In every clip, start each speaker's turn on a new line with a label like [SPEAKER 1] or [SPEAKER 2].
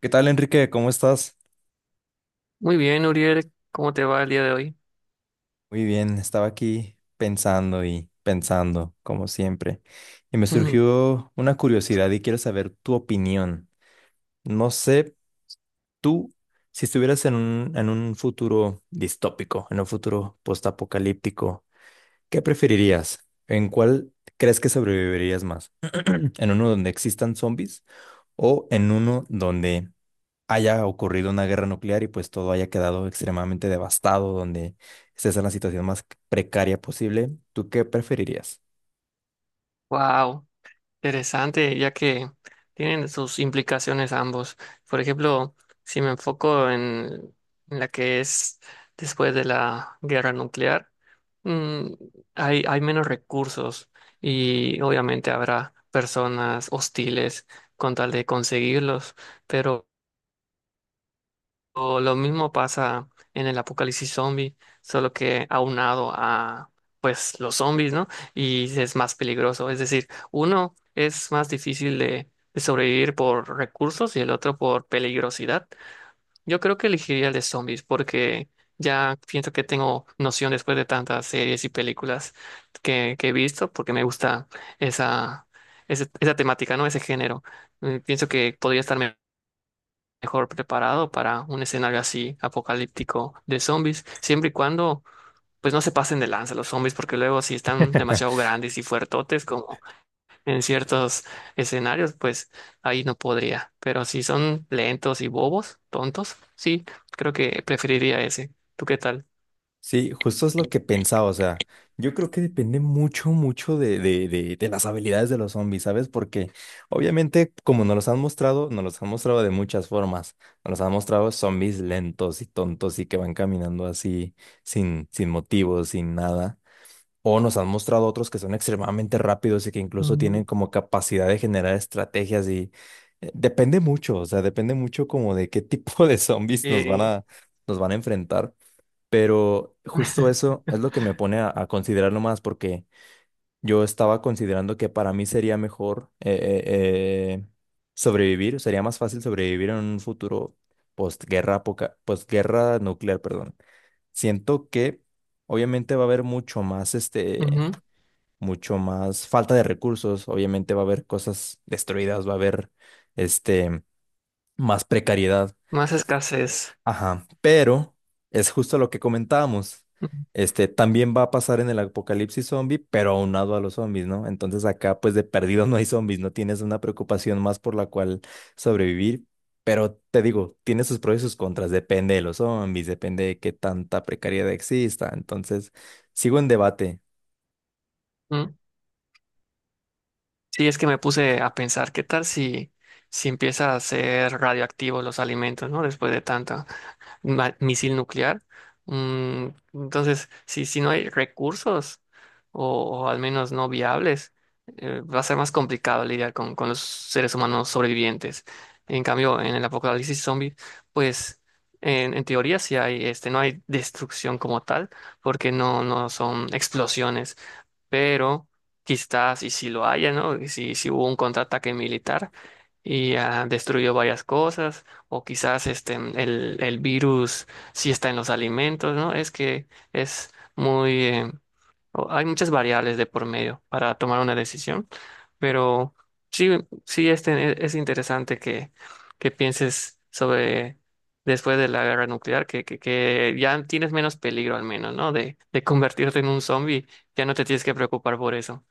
[SPEAKER 1] ¿Qué tal, Enrique? ¿Cómo estás?
[SPEAKER 2] Muy bien, Uriel, ¿cómo te va el día de hoy?
[SPEAKER 1] Muy bien, estaba aquí pensando y pensando, como siempre, y me surgió una curiosidad y quiero saber tu opinión. No sé, tú, si estuvieras en un futuro distópico, en un futuro postapocalíptico, ¿qué preferirías? ¿En cuál crees que sobrevivirías más? ¿En uno donde existan zombies o en uno donde haya ocurrido una guerra nuclear y pues todo haya quedado extremadamente devastado, donde estés en la situación más precaria posible? ¿Tú qué preferirías?
[SPEAKER 2] Wow, interesante, ya que tienen sus implicaciones ambos. Por ejemplo, si me enfoco en la que es después de la guerra nuclear, mm, hay menos recursos y obviamente habrá personas hostiles con tal de conseguirlos, pero o lo mismo pasa en el apocalipsis zombie, solo que aunado a pues los zombies, ¿no? Y es más peligroso. Es decir, uno es más difícil de sobrevivir por recursos y el otro por peligrosidad. Yo creo que elegiría el de zombies porque ya siento que tengo noción después de tantas series y películas que he visto, porque me gusta esa, esa temática, ¿no? Ese género. Pienso que podría estar mejor preparado para un escenario así apocalíptico de zombies, siempre y cuando pues no se pasen de lanza los zombies, porque luego si están demasiado grandes y fuertotes como en ciertos escenarios, pues ahí no podría. Pero si son lentos y bobos, tontos, sí, creo que preferiría ese. ¿Tú qué tal?
[SPEAKER 1] Sí, justo es lo que pensaba, o sea, yo creo que depende mucho, mucho de las habilidades de los zombies, ¿sabes? Porque obviamente, como nos los han mostrado, nos los han mostrado de muchas formas. Nos los han mostrado zombies lentos y tontos y que van caminando así sin motivo, sin nada. O nos han mostrado otros que son extremadamente rápidos y que incluso tienen
[SPEAKER 2] Mm,
[SPEAKER 1] como capacidad de generar estrategias y depende mucho, o sea, depende mucho como de qué tipo de zombies nos van
[SPEAKER 2] eh,
[SPEAKER 1] nos van a enfrentar. Pero justo eso es lo que me pone a considerarlo más porque yo estaba considerando que para mí sería mejor sobrevivir, sería más fácil sobrevivir en un futuro postguerra, postguerra nuclear, perdón. Siento que obviamente va a haber mucho más
[SPEAKER 2] ujú.
[SPEAKER 1] mucho más falta de recursos, obviamente va a haber cosas destruidas, va a haber este más precariedad.
[SPEAKER 2] Más escasez.
[SPEAKER 1] Ajá, pero es justo lo que comentábamos. Este también va a pasar en el apocalipsis zombie, pero aunado a los zombies, ¿no? Entonces acá pues de perdido no hay zombies, no tienes una preocupación más por la cual sobrevivir, pero te digo, tiene sus pros y sus contras, depende de los zombies, depende de qué tanta precariedad exista. Entonces, sigo en debate.
[SPEAKER 2] Ujú. Sí, es que me puse a pensar, ¿qué tal si, si empieza a ser radioactivo los alimentos, ¿no? Después de tanto misil nuclear. Mm, entonces, si, si no hay recursos o al menos no viables, va a ser más complicado lidiar con los seres humanos sobrevivientes. En cambio, en el apocalipsis zombie, pues en teoría sí hay, este, no hay destrucción como tal, porque no son explosiones, pero quizás y si lo haya, ¿no? Y si, si hubo un contraataque militar y destruyó varias cosas, o quizás este, el virus sí está en los alimentos, ¿no? Es que es muy, hay muchas variables de por medio para tomar una decisión, pero sí, sí este, es interesante que pienses sobre después de la guerra nuclear, que ya tienes menos peligro al menos, ¿no? De convertirte en un zombie, ya no te tienes que preocupar por eso.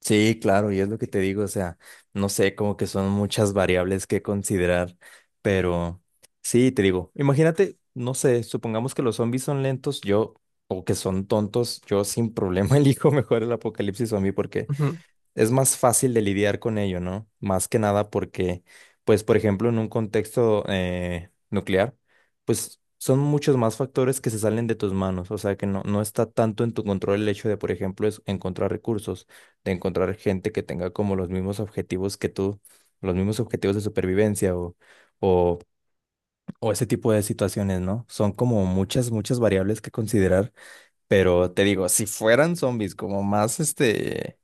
[SPEAKER 1] Sí, claro, y es lo que te digo, o sea, no sé, como que son muchas variables que considerar, pero sí, te digo, imagínate, no sé, supongamos que los zombies son lentos, yo, o que son tontos, yo sin problema elijo mejor el apocalipsis zombie porque
[SPEAKER 2] Ujú.
[SPEAKER 1] es más fácil de lidiar con ello, ¿no? Más que nada porque, pues, por ejemplo, en un contexto nuclear, pues son muchos más factores que se salen de tus manos, o sea que no, no está tanto en tu control el hecho de, por ejemplo, es encontrar recursos, de encontrar gente que tenga como los mismos objetivos que tú, los mismos objetivos de supervivencia o, o ese tipo de situaciones, ¿no? Son como muchas, muchas variables que considerar, pero te digo, si fueran zombies como más, este,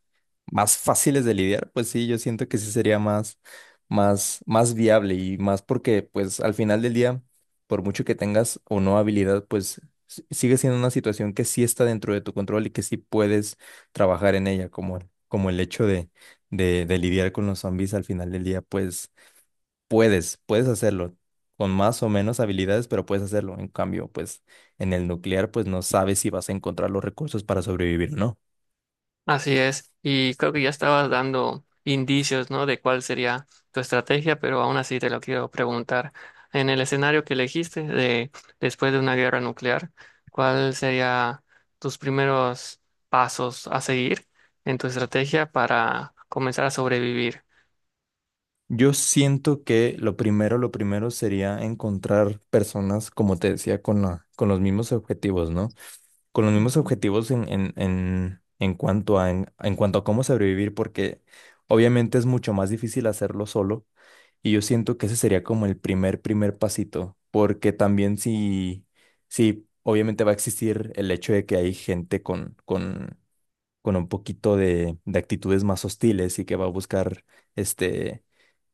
[SPEAKER 1] más fáciles de lidiar, pues sí, yo siento que sí sería más, más, más viable y más porque, pues, al final del día, por mucho que tengas o no habilidad, pues sigue siendo una situación que sí está dentro de tu control y que sí puedes trabajar en ella, como, como el hecho de lidiar con los zombies al final del día, pues puedes, puedes hacerlo con más o menos habilidades, pero puedes hacerlo. En cambio, pues en el nuclear, pues no sabes si vas a encontrar los recursos para sobrevivir o no.
[SPEAKER 2] Así es, y creo que ya estabas dando indicios, ¿no? De cuál sería tu estrategia, pero aún así te lo quiero preguntar. En el escenario que elegiste de después de una guerra nuclear, ¿cuál sería tus primeros pasos a seguir en tu estrategia para comenzar a sobrevivir?
[SPEAKER 1] Yo siento que lo primero sería encontrar personas, como te decía, con la, con los mismos objetivos, ¿no? Con los mismos
[SPEAKER 2] Ujú.
[SPEAKER 1] objetivos en cuanto a, en cuanto a cómo sobrevivir, porque obviamente es mucho más difícil hacerlo solo y yo siento que ese sería como el primer, primer pasito, porque también si, si obviamente va a existir el hecho de que hay gente con un poquito de actitudes más hostiles y que va a buscar este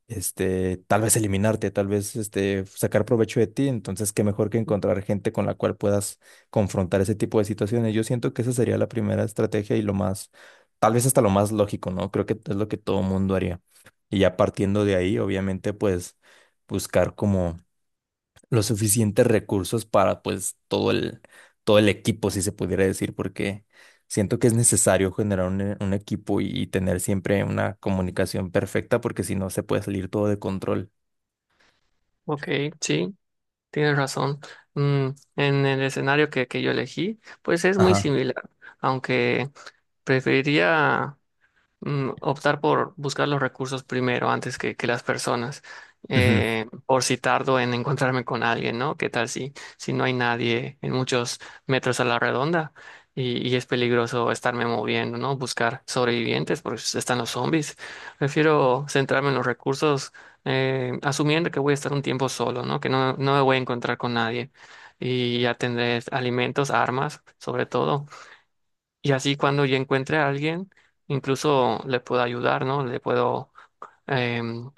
[SPEAKER 1] este, tal vez eliminarte, tal vez este, sacar provecho de ti. Entonces, qué mejor que encontrar gente con la cual puedas confrontar ese tipo de situaciones. Yo siento que esa sería la primera estrategia y lo más, tal vez hasta lo más lógico, ¿no? Creo que es lo que todo mundo haría. Y ya partiendo de ahí, obviamente, pues buscar como los suficientes recursos para pues todo el equipo, si se pudiera decir, porque siento que es necesario generar un, un equipo y tener siempre una comunicación perfecta, porque si no se puede salir todo de control.
[SPEAKER 2] Ok, sí, tienes razón. Mm, en el escenario que yo elegí, pues es muy
[SPEAKER 1] Ajá.
[SPEAKER 2] similar, aunque preferiría optar por buscar los recursos primero antes que las personas.
[SPEAKER 1] Ujú.
[SPEAKER 2] Por si tardo en encontrarme con alguien, ¿no? ¿Qué tal si, si no hay nadie en muchos metros a la redonda y es peligroso estarme moviendo, ¿no? Buscar sobrevivientes porque están los zombies. Prefiero centrarme en los recursos, asumiendo que voy a estar un tiempo solo, ¿no? Que no, no me voy a encontrar con nadie. Y ya tendré alimentos, armas, sobre todo, y así cuando yo encuentre a alguien, incluso le puedo ayudar, ¿no? Le puedo, em,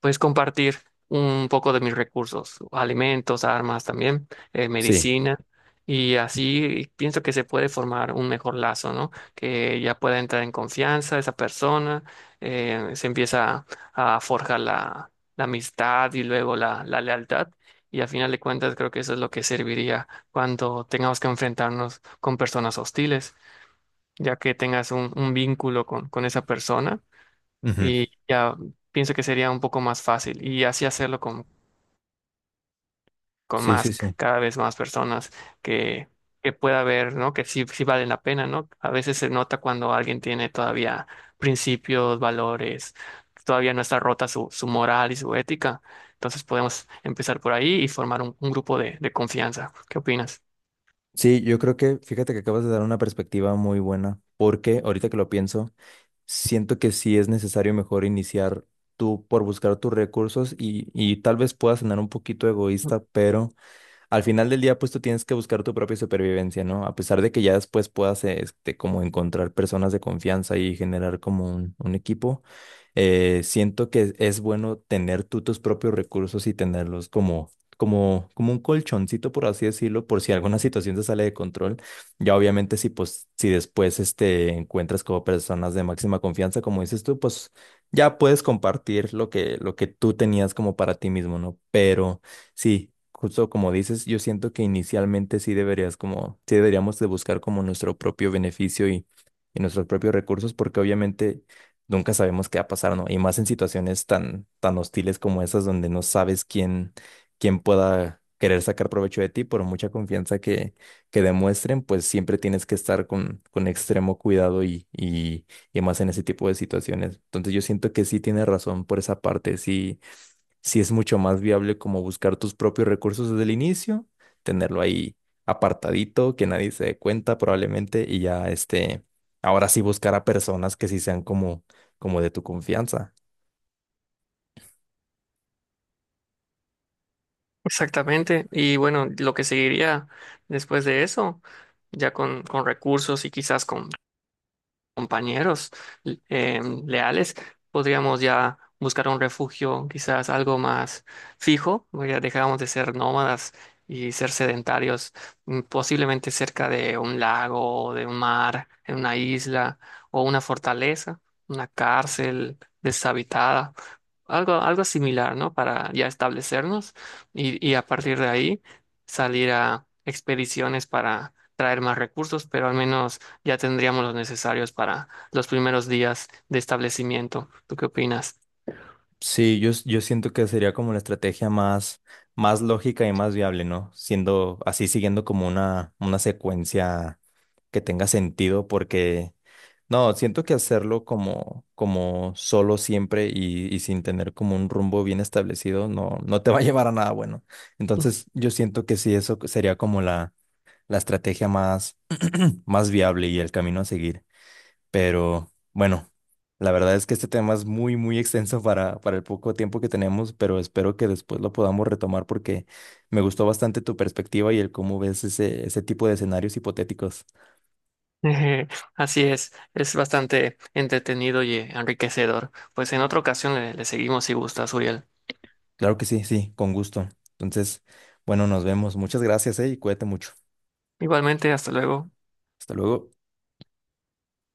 [SPEAKER 2] pues, compartir un poco de mis recursos, alimentos, armas también,
[SPEAKER 1] Sí.
[SPEAKER 2] medicina. Y así pienso que se puede formar un mejor lazo, ¿no? Que ya pueda entrar en confianza esa persona, se empieza a forjar la amistad y luego la lealtad. Y al final de cuentas creo que eso es lo que serviría cuando tengamos que enfrentarnos con personas hostiles ya que tengas un vínculo con esa persona,
[SPEAKER 1] Ujú.
[SPEAKER 2] y ya pienso que sería un poco más fácil y así hacerlo con
[SPEAKER 1] Sí, sí,
[SPEAKER 2] más,
[SPEAKER 1] sí.
[SPEAKER 2] cada vez más personas que, que pueda ver, ¿no? Que sí, sí valen la pena, ¿no? A veces se nota cuando alguien tiene todavía principios, valores, todavía no está rota su, su moral y su ética. Entonces podemos empezar por ahí y formar un grupo de confianza. ¿Qué opinas?
[SPEAKER 1] Sí, yo creo que, fíjate que acabas de dar una perspectiva muy buena, porque ahorita que lo pienso, siento que sí es necesario mejor iniciar tú por buscar tus recursos y tal vez pueda sonar un poquito egoísta, pero al final del día, pues tú tienes que buscar tu propia supervivencia, ¿no? A pesar de que ya después puedas, este, como encontrar personas de confianza y generar como un equipo, siento que es bueno tener tú tus propios recursos y tenerlos como, como un colchoncito, por así decirlo, por si alguna situación se sale de control. Ya obviamente si, pues, si después, este, encuentras como personas de máxima confianza, como dices tú, pues ya puedes compartir lo que tú tenías como para ti mismo, ¿no? Pero... Sí, justo como dices, yo siento que inicialmente sí deberías como, sí deberíamos de buscar como nuestro propio beneficio y nuestros propios recursos, porque obviamente nunca sabemos qué va a pasar, ¿no? Y más en situaciones tan, tan hostiles como esas donde no sabes quién, quién pueda querer sacar provecho de ti por mucha confianza que demuestren, pues siempre tienes que estar con extremo cuidado y, y más en ese tipo de situaciones. Entonces yo siento que sí tienes razón por esa parte, sí, si es mucho más viable como buscar tus propios recursos desde el inicio, tenerlo ahí apartadito, que nadie se dé cuenta probablemente, y ya este, ahora sí buscar a personas que sí sean como, como de tu confianza.
[SPEAKER 2] Exactamente. Y bueno, lo que seguiría después de eso, ya con recursos y quizás con, compañeros leales, podríamos ya buscar un refugio quizás algo más fijo, ya dejamos de ser nómadas y ser sedentarios, posiblemente cerca de un lago, o de un mar, en una isla o una fortaleza, una cárcel deshabitada. Algo, algo similar, ¿no? Para ya establecernos y a partir de ahí salir a expediciones para traer más recursos, pero al menos ya tendríamos los necesarios para los primeros días de establecimiento. ¿Tú qué opinas?
[SPEAKER 1] Sí, yo, yo siento que sería como la estrategia más, más lógica y más viable, ¿no? Siendo así, siguiendo como una secuencia que tenga sentido, porque no, siento que hacerlo como, como solo siempre y sin tener como un rumbo bien establecido no, no te va a llevar a nada bueno. Entonces, yo siento que sí, eso sería como la estrategia más, más viable y el camino a seguir. Pero bueno, la verdad es que este tema es muy, muy extenso para el poco tiempo que tenemos, pero espero que después lo podamos retomar porque me gustó bastante tu perspectiva y el cómo ves ese, ese tipo de escenarios hipotéticos.
[SPEAKER 2] Eje, así es bastante entretenido y enriquecedor. Pues en otra ocasión le, le seguimos si gustas, Uriel.
[SPEAKER 1] Claro que sí, sí, con gusto. Entonces, bueno, nos vemos. Muchas gracias, y cuídate mucho.
[SPEAKER 2] Igualmente, hasta luego.
[SPEAKER 1] Hasta luego.